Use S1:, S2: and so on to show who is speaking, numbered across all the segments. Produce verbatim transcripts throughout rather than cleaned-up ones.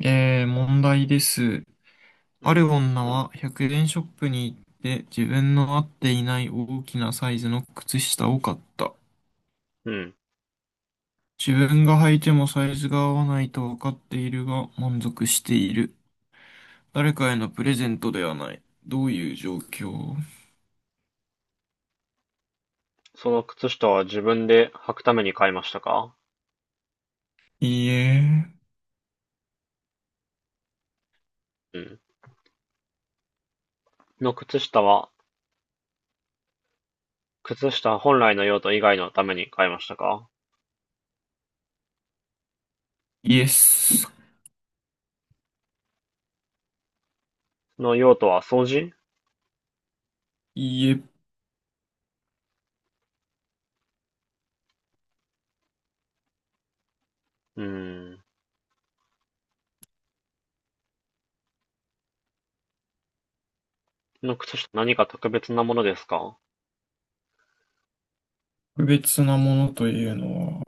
S1: えー、問題です。
S2: う
S1: あ
S2: ん、
S1: る女はひゃくえんショップに行って自分の合っていない大きなサイズの靴下を買った。
S2: うん。
S1: 自分が履いてもサイズが合わないと分かっているが満足している。誰かへのプレゼントではない。どういう状況？
S2: その靴下は自分で履くために買いましたか？
S1: いいえ、
S2: うん。の靴下は、靴下本来の用途以外のために買いましたか？
S1: イエス。
S2: その用途は掃除？
S1: いいえ、
S2: うーん。の靴下何か特別なものですか？
S1: 特別なものというのは、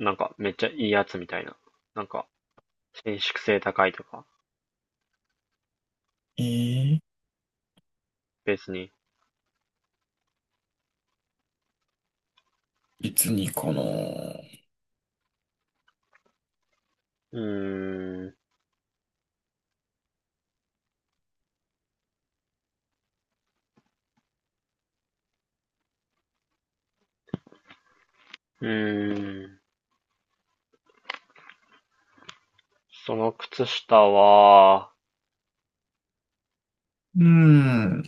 S2: なんかめっちゃいいやつみたいな。なんか伸縮性高いとか。
S1: えー、
S2: 別に。
S1: 別にかな。う
S2: うーん。うーん。その靴下は、
S1: ーん、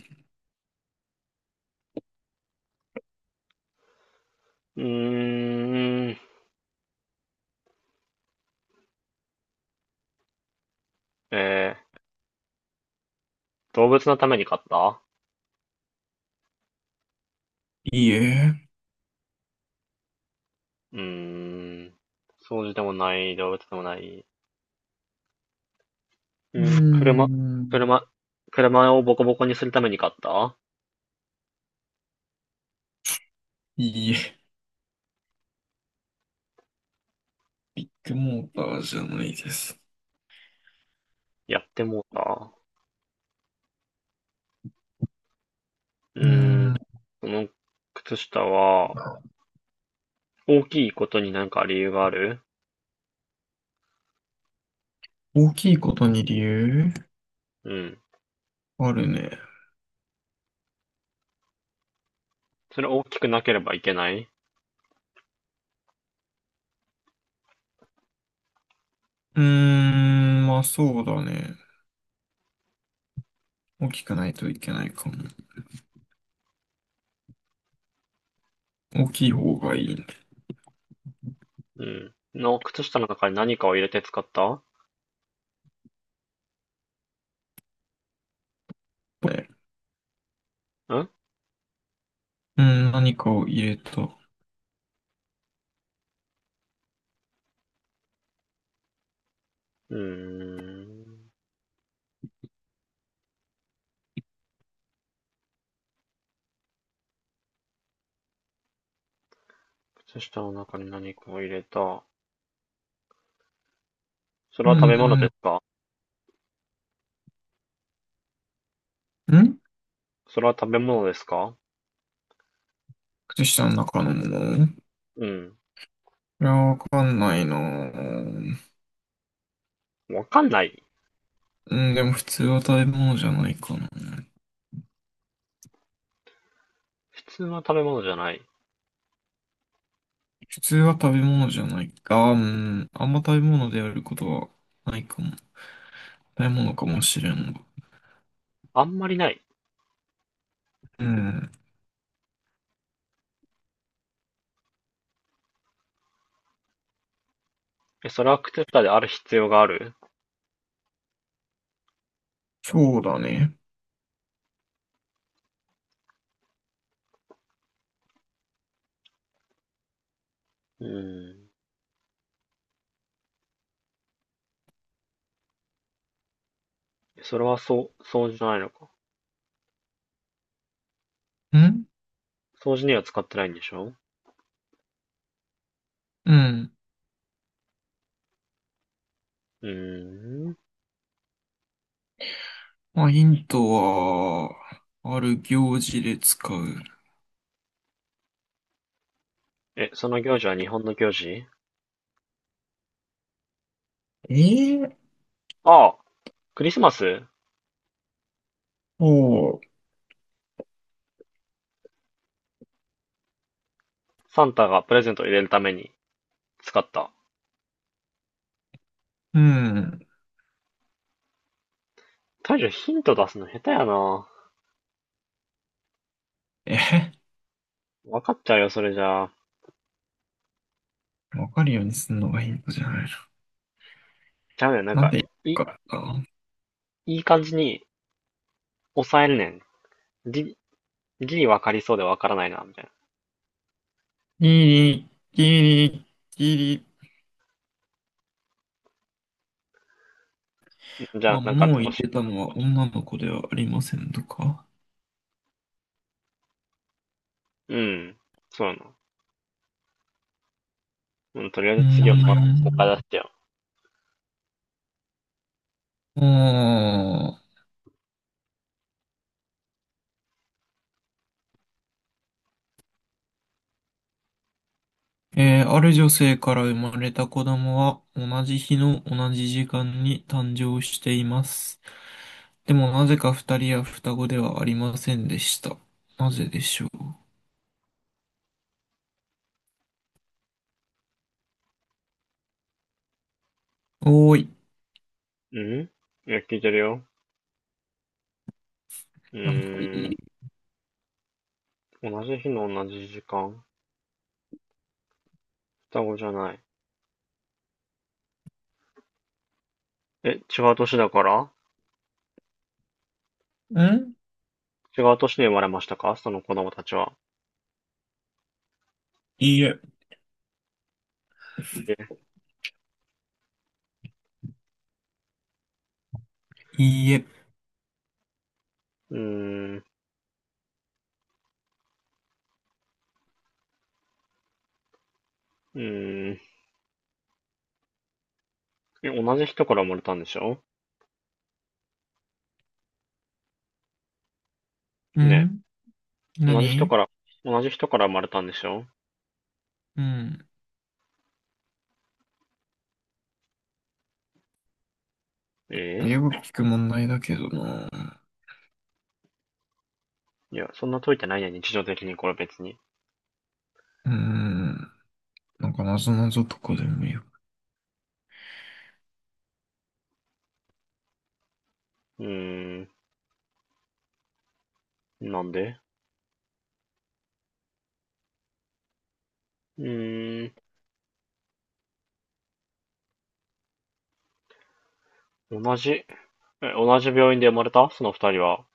S2: うーん。えー、動物のために買った？
S1: いいえ。
S2: うーん。掃除でもない、動物でもない。う
S1: うー
S2: ん、車、
S1: ん。
S2: 車、車をボコボコにするために買った？
S1: いいえ。もうバーじゃないです。
S2: やってもうた。う
S1: うー
S2: ーん、
S1: ん、
S2: その靴下は、大きいことになんか理由がある？
S1: 大きいことに理由
S2: うん。
S1: あるね。
S2: それ大きくなければいけない？
S1: うーん、まあそうだね。大きくないといけないかも。大きい方がいいね。
S2: うん。の、靴下の中に何かを入れて使ったん？
S1: ね。
S2: う
S1: うーん、何かを入れた。う
S2: ーん。靴下の中に何かを入れた。それ
S1: ー
S2: は食べ物で
S1: ん、
S2: すか？
S1: ん。
S2: それは食べ物ですか？
S1: 靴下の中のものい
S2: うん。
S1: や、わかんないなぁ。
S2: わかんない。
S1: うん、でも普通は食べ物じゃないかな。
S2: 普通の食べ物じゃない。
S1: 普通は食べ物じゃないか。うん、あんま食べ物であることはないかも。食べ物かもしれんが。
S2: あんまりない。
S1: うん。
S2: え、それはクテッタである必要がある？
S1: そうだね。
S2: うーん。それはそう、掃除じゃないのか。
S1: ん。
S2: 掃除には使ってないんでしょ？
S1: うん。
S2: うーん。
S1: まあ、ヒントは、ある行事で使う。
S2: え、その行事は日本の行事？
S1: えー、
S2: ああ、クリスマス。
S1: おう。
S2: サンタがプレゼントを入れるために使った。
S1: うん。
S2: 大将ヒント出すの下手やな。
S1: えへ、
S2: わかっちゃうよ、それじゃあ。
S1: わかるようにすんのがヒントじゃないの。
S2: ちゃうねん、なん
S1: なん
S2: か、
S1: て言ってる
S2: い、
S1: からな。
S2: いい感じに抑えるねん。ギリ分わかりそうでわからないな、みたい
S1: ギリ、ギリ、ギリ。
S2: な。じゃ
S1: ま
S2: あ、
S1: あ、
S2: なんか、
S1: 物を
S2: お
S1: 入
S2: し、
S1: れたのは女の子ではありませんとか。
S2: うん。そうやな。うん、とりあえ
S1: うー
S2: ず次は、ま、もう一回
S1: ん。
S2: 出しちゃう。
S1: あーえー、ある女性から生まれた子供は同じ日の同じ時間に誕生しています。でもなぜか二人は双子ではありませんでした。なぜでしょう。おーい。
S2: うん、いや、聞いてるよ。う
S1: なんかい
S2: ーん。
S1: い。
S2: 同じ日の同じ時間、双子じゃない。え、違う年だから、
S1: ん。
S2: 違う年に生まれましたか、その子供たちは？
S1: いいえ。
S2: え、
S1: いいえ。
S2: うーん、うーん。え、同じ人から生まれたんでしょ？ね？
S1: ん。
S2: え、同じ人
S1: 何？
S2: から、同じ人から生まれたんでしょ？
S1: うん。
S2: え。
S1: よく聞く問題だけどな。
S2: いや、そんな解いてないや、日常的にこれ別に。
S1: うーん。なんか謎ぞなぞとかでもいいよ。
S2: うーん、なんで、うーん、同じ、え、同じ病院で生まれたその二人は。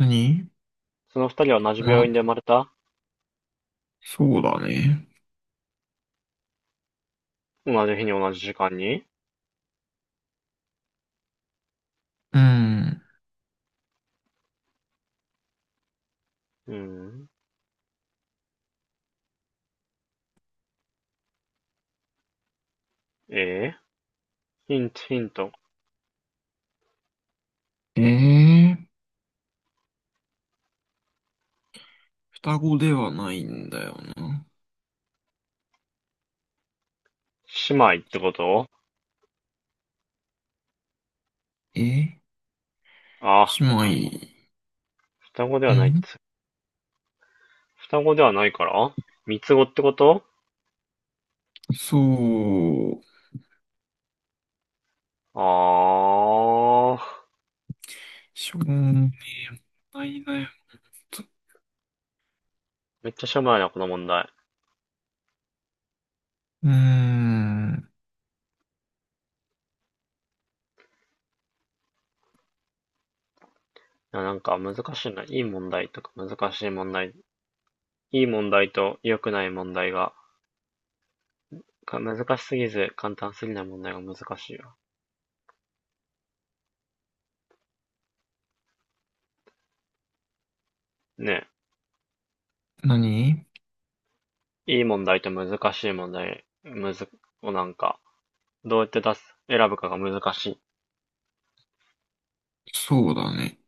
S1: 何？
S2: その二人は同じ病院で生
S1: ま、
S2: まれた？
S1: そうだね。
S2: 同じ日に同じ時間に？
S1: うん。
S2: うん。えー、ヒント、ヒント。
S1: ええ、双子ではないんだよな。
S2: 姉妹ってこと？
S1: え、
S2: あ、
S1: 姉妹。
S2: 双子ではないっ
S1: ん、
S2: つ。双子ではないから三つ子ってこと？
S1: そう。
S2: あー。
S1: しょうがないだよ。
S2: めっちゃしょうもないな、この問題。
S1: うーん、
S2: いやなんか難しいな。いい問題とか難しい問題。いい問題と良くない問題が、か難しすぎず簡単すぎない問題が難しいよ。ね
S1: 何？
S2: え。いい問題と難しい問題、むず、をなんか、どうやって出す、選ぶかが難しい。
S1: そうだね。